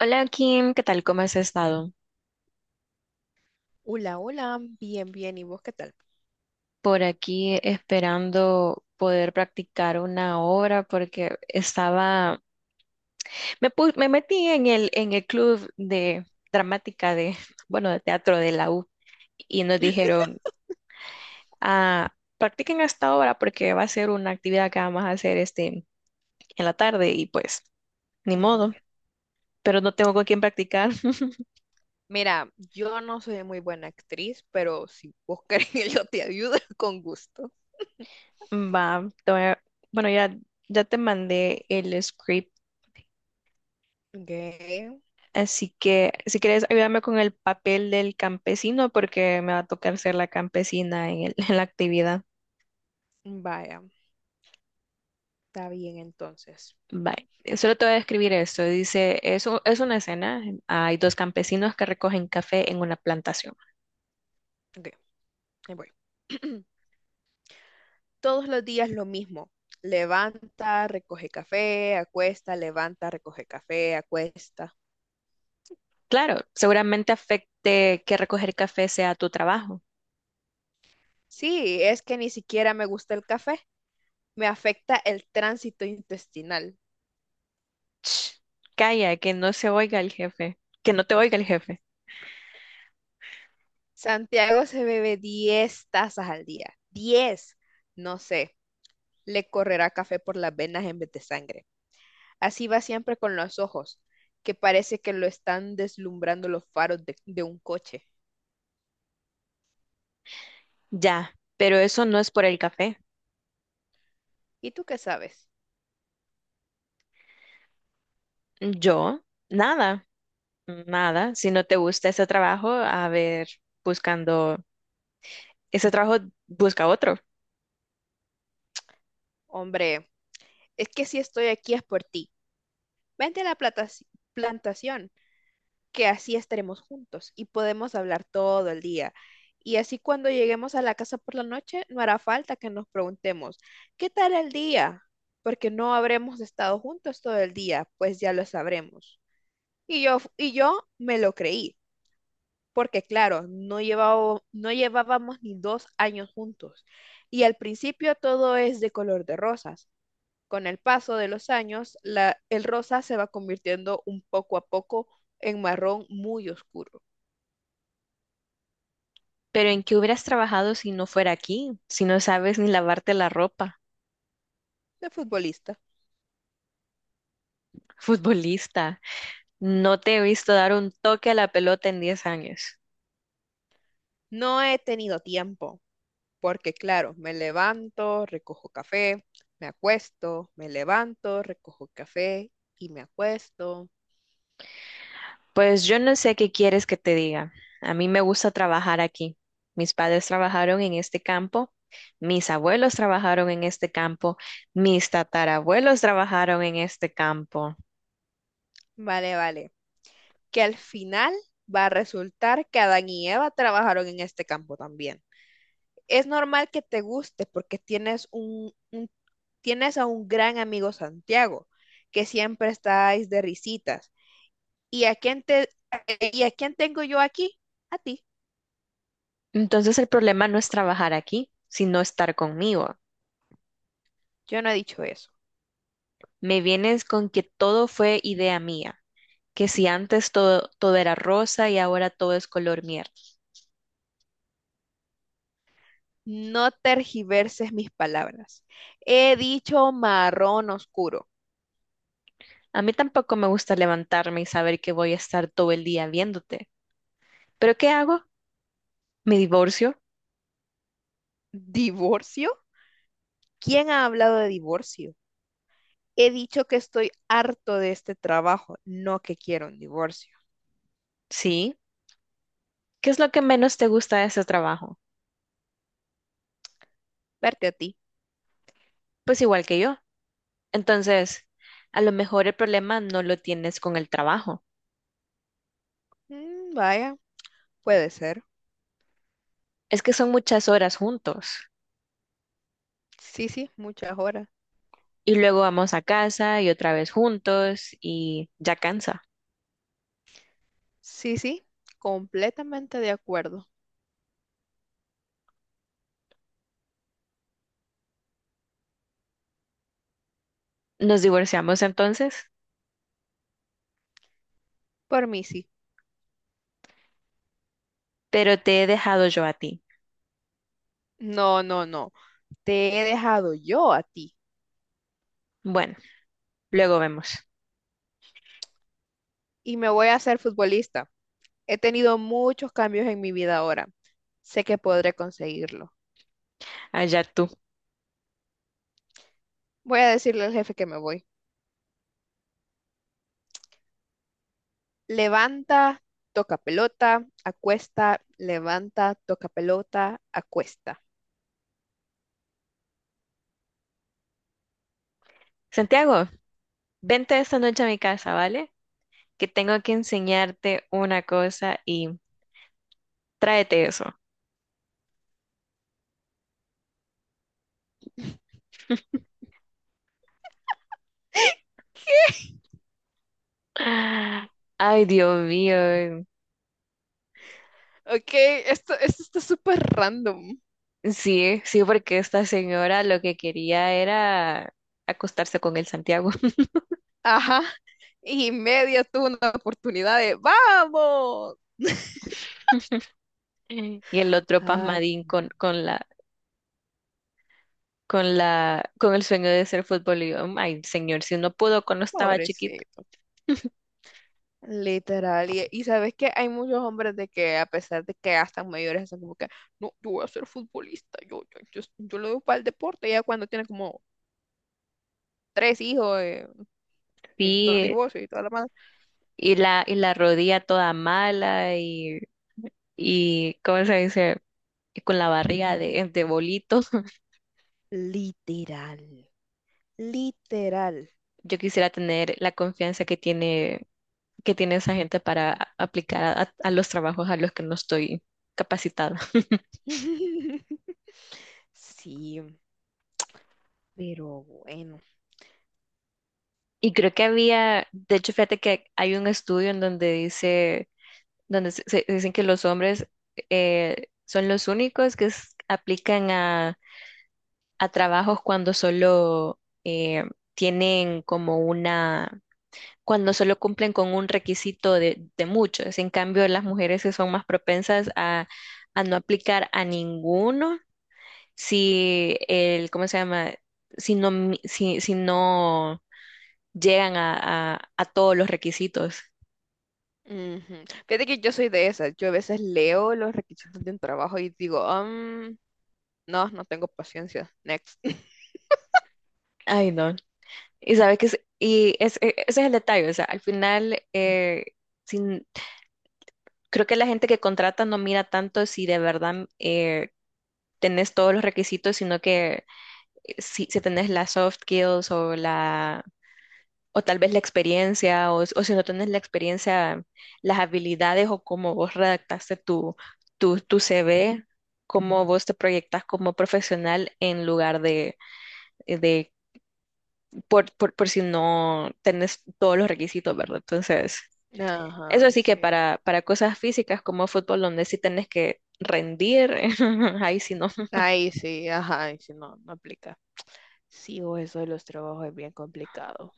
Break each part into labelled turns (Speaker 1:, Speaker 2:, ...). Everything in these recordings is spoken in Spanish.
Speaker 1: Hola Kim, ¿qué tal? ¿Cómo has estado?
Speaker 2: Hola, hola, bien, bien, ¿y vos qué tal?
Speaker 1: Por aquí esperando poder practicar una obra porque me metí en el club de dramática de, bueno, de teatro de la U y nos dijeron, ah, practiquen esta obra porque va a ser una actividad que vamos a hacer este, en la tarde y pues, ni
Speaker 2: Ujú.
Speaker 1: modo, pero no tengo con quién practicar.
Speaker 2: Mira, yo no soy muy buena actriz, pero si vos querés yo te ayudo con gusto.
Speaker 1: Va, te voy a- bueno, ya, Ya te mandé el script.
Speaker 2: Ok,
Speaker 1: Así que si quieres ayudarme con el papel del campesino, porque me va a tocar ser la campesina en la actividad.
Speaker 2: vaya, está bien entonces.
Speaker 1: Bye. Solo te voy a describir esto. Es una escena. Hay dos campesinos que recogen café en una plantación.
Speaker 2: Ok, ahí voy. Todos los días lo mismo. Levanta, recoge café, acuesta, levanta, recoge café, acuesta.
Speaker 1: Claro, seguramente afecte que recoger café sea tu trabajo.
Speaker 2: Sí, es que ni siquiera me gusta el café. Me afecta el tránsito intestinal.
Speaker 1: Ch, calla, que no se oiga el jefe. Que no te oiga el jefe.
Speaker 2: Santiago se bebe 10 tazas al día. 10, no sé, le correrá café por las venas en vez de sangre. Así va siempre con los ojos, que parece que lo están deslumbrando los faros de un coche.
Speaker 1: Ya, pero eso no es por el café.
Speaker 2: ¿Y tú qué sabes?
Speaker 1: Yo, nada. Nada, si no te gusta ese trabajo, a ver, buscando ese trabajo, busca otro.
Speaker 2: Hombre, es que si estoy aquí es por ti. Vente a la plantación. Que así estaremos juntos y podemos hablar todo el día. Y así cuando lleguemos a la casa por la noche, no hará falta que nos preguntemos, ¿qué tal el día? Porque no habremos estado juntos todo el día, pues ya lo sabremos. Y yo me lo creí, porque claro, no llevábamos ni 2 años juntos. Y al principio todo es de color de rosas. Con el paso de los años, el rosa se va convirtiendo un poco a poco en marrón muy oscuro.
Speaker 1: Pero ¿en qué hubieras trabajado si no fuera aquí? Si no sabes ni lavarte la ropa,
Speaker 2: De futbolista.
Speaker 1: futbolista. No te he visto dar un toque a la pelota en 10 años.
Speaker 2: No he tenido tiempo, porque claro, me levanto, recojo café, me acuesto, me levanto, recojo café y me acuesto.
Speaker 1: Pues yo no sé qué quieres que te diga. A mí me gusta trabajar aquí. Mis padres trabajaron en este campo, mis abuelos trabajaron en este campo, mis tatarabuelos trabajaron en este campo.
Speaker 2: Vale, vale. Que al final va a resultar que Adán y Eva trabajaron en este campo también. Es normal que te guste porque tienes a un gran amigo Santiago, que siempre estáis de risitas. ¿Y a quién te, y a quién tengo yo aquí? A ti.
Speaker 1: Entonces el problema no es trabajar aquí, sino estar conmigo.
Speaker 2: Yo no he dicho eso.
Speaker 1: Me vienes con que todo fue idea mía, que si antes todo era rosa y ahora todo es color miel.
Speaker 2: No tergiverses mis palabras. He dicho marrón oscuro.
Speaker 1: A mí tampoco me gusta levantarme y saber que voy a estar todo el día viéndote. ¿Pero qué hago? ¿Me divorcio?
Speaker 2: ¿Divorcio? ¿Quién ha hablado de divorcio? He dicho que estoy harto de este trabajo, no que quiero un divorcio.
Speaker 1: Sí. ¿Qué es lo que menos te gusta de ese trabajo?
Speaker 2: Verte a ti.
Speaker 1: Pues igual que yo. Entonces, a lo mejor el problema no lo tienes con el trabajo.
Speaker 2: Vaya, puede ser.
Speaker 1: Es que son muchas horas juntos.
Speaker 2: Sí, sí, muchas horas.
Speaker 1: Y luego vamos a casa y otra vez juntos y ya cansa.
Speaker 2: Sí, sí, completamente de acuerdo.
Speaker 1: Nos divorciamos entonces,
Speaker 2: Por mí sí.
Speaker 1: pero te he dejado yo a ti.
Speaker 2: No, no, no. Te he dejado yo a ti
Speaker 1: Bueno, luego vemos.
Speaker 2: y me voy a hacer futbolista. He tenido muchos cambios en mi vida ahora. Sé que podré conseguirlo.
Speaker 1: Allá tú.
Speaker 2: Voy a decirle al jefe que me voy. Levanta, toca pelota, acuesta, levanta, toca pelota, acuesta.
Speaker 1: Santiago, vente esta noche a mi casa, ¿vale? Que tengo que enseñarte una cosa y tráete eso. Ay, Dios mío.
Speaker 2: Ok, esto está súper random.
Speaker 1: Sí, sí, porque esta señora lo que quería era acostarse con el Santiago
Speaker 2: Ajá. Y media tuvo una oportunidad de ¡Vamos!
Speaker 1: y el otro
Speaker 2: Ay,
Speaker 1: pasmadín con el sueño de ser futbolista. Ay, señor, si no pudo cuando estaba chiquito.
Speaker 2: pobrecito. Literal, y sabes que hay muchos hombres de que a pesar de que ya están mayores, están como que, no, yo voy a ser futbolista, yo lo doy para el deporte, ya cuando tiene como tres hijos, y dos
Speaker 1: Sí,
Speaker 2: divorcios y toda la madre.
Speaker 1: y la rodilla toda mala y ¿cómo se dice? Y con la barriga de bolitos.
Speaker 2: Literal, literal.
Speaker 1: Yo quisiera tener la confianza que tiene esa gente para a- aplicar a los trabajos a los que no estoy capacitada.
Speaker 2: Sí, pero bueno.
Speaker 1: Y creo que había, de hecho, fíjate que hay un estudio en donde dicen que los hombres son los únicos que s- aplican a trabajos cuando solo tienen como una, cuando solo cumplen con un requisito de muchos. En cambio, las mujeres que son más propensas a no aplicar a ninguno, si el, ¿cómo se llama? Si no llegan a todos los requisitos.
Speaker 2: Ujú. Fíjate que yo soy de esas, yo a veces leo los requisitos de un trabajo y digo, No, no tengo paciencia, next."
Speaker 1: Ay, no. Y sabe que es, y es- e- Ese es el detalle, o sea, al final sin- creo que la gente que contrata no mira tanto si de verdad tenés todos los requisitos, sino que si tenés las soft skills o la o tal vez la experiencia o si no tenés la experiencia, las habilidades o cómo vos redactaste tu CV, cómo vos te proyectas como profesional en lugar de por si no tenés todos los requisitos, ¿verdad? Entonces, eso
Speaker 2: Ajá,
Speaker 1: sí que
Speaker 2: sí.
Speaker 1: para cosas físicas como fútbol, donde sí tenés que rendir, ahí sí no.
Speaker 2: Ahí sí, ajá, ahí sí, no, no aplica. Sí, o eso de los trabajos es bien complicado.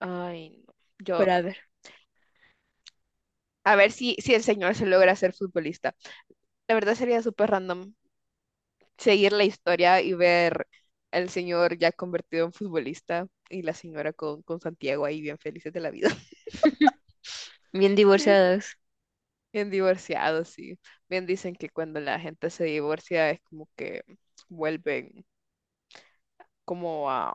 Speaker 2: Ay, no. Yo,
Speaker 1: Pero a ver,
Speaker 2: a ver si el señor se logra ser futbolista. La verdad sería súper random seguir la historia y ver al señor ya convertido en futbolista y la señora con, Santiago ahí bien felices de la vida.
Speaker 1: bien divorciados.
Speaker 2: Bien divorciados, sí. Bien dicen que cuando la gente se divorcia es como que vuelven como a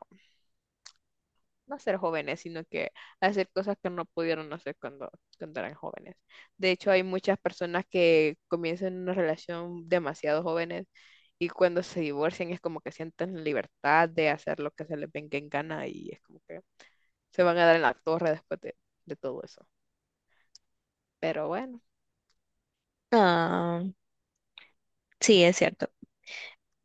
Speaker 2: no ser jóvenes, sino que hacer cosas que no pudieron hacer cuando eran jóvenes. De hecho, hay muchas personas que comienzan una relación demasiado jóvenes y cuando se divorcian es como que sienten libertad de hacer lo que se les venga en gana y es como que se van a dar en la torre de todo eso. Pero bueno,
Speaker 1: Ah, sí, es cierto.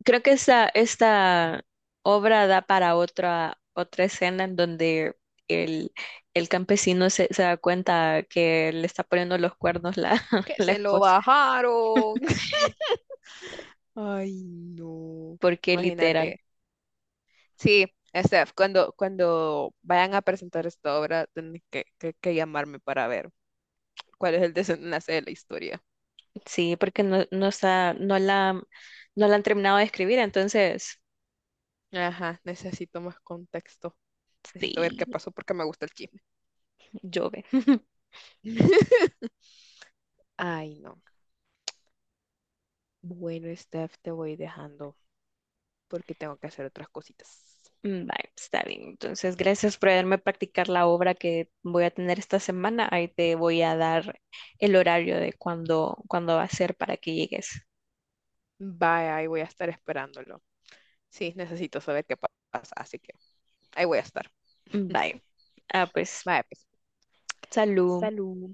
Speaker 1: Creo que esta obra da para otra escena en donde el, el campesino se da cuenta que le está poniendo los cuernos la,
Speaker 2: que
Speaker 1: la
Speaker 2: se lo
Speaker 1: esposa.
Speaker 2: bajaron. Ay, no.
Speaker 1: Porque literal,
Speaker 2: Imagínate. Sí. Steph, cuando vayan a presentar esta obra, tienen que llamarme para ver cuál es el desenlace de la historia.
Speaker 1: sí, porque no está, no la han terminado de escribir, entonces,
Speaker 2: Ajá, necesito más contexto. Necesito ver qué
Speaker 1: sí.
Speaker 2: pasó porque me gusta el chisme.
Speaker 1: Jove.
Speaker 2: Ay, no. Bueno, Steph, te voy dejando porque tengo que hacer otras cositas.
Speaker 1: Vale, está bien. Entonces, gracias por haberme practicar la obra que voy a tener esta semana. Ahí te voy a dar el horario de cuándo va a ser para que llegues.
Speaker 2: Bye, ahí voy a estar esperándolo. Sí, necesito saber pasa, así que ahí voy a estar.
Speaker 1: Bye. Ah, pues,
Speaker 2: Bye, pues.
Speaker 1: salud.
Speaker 2: Salud.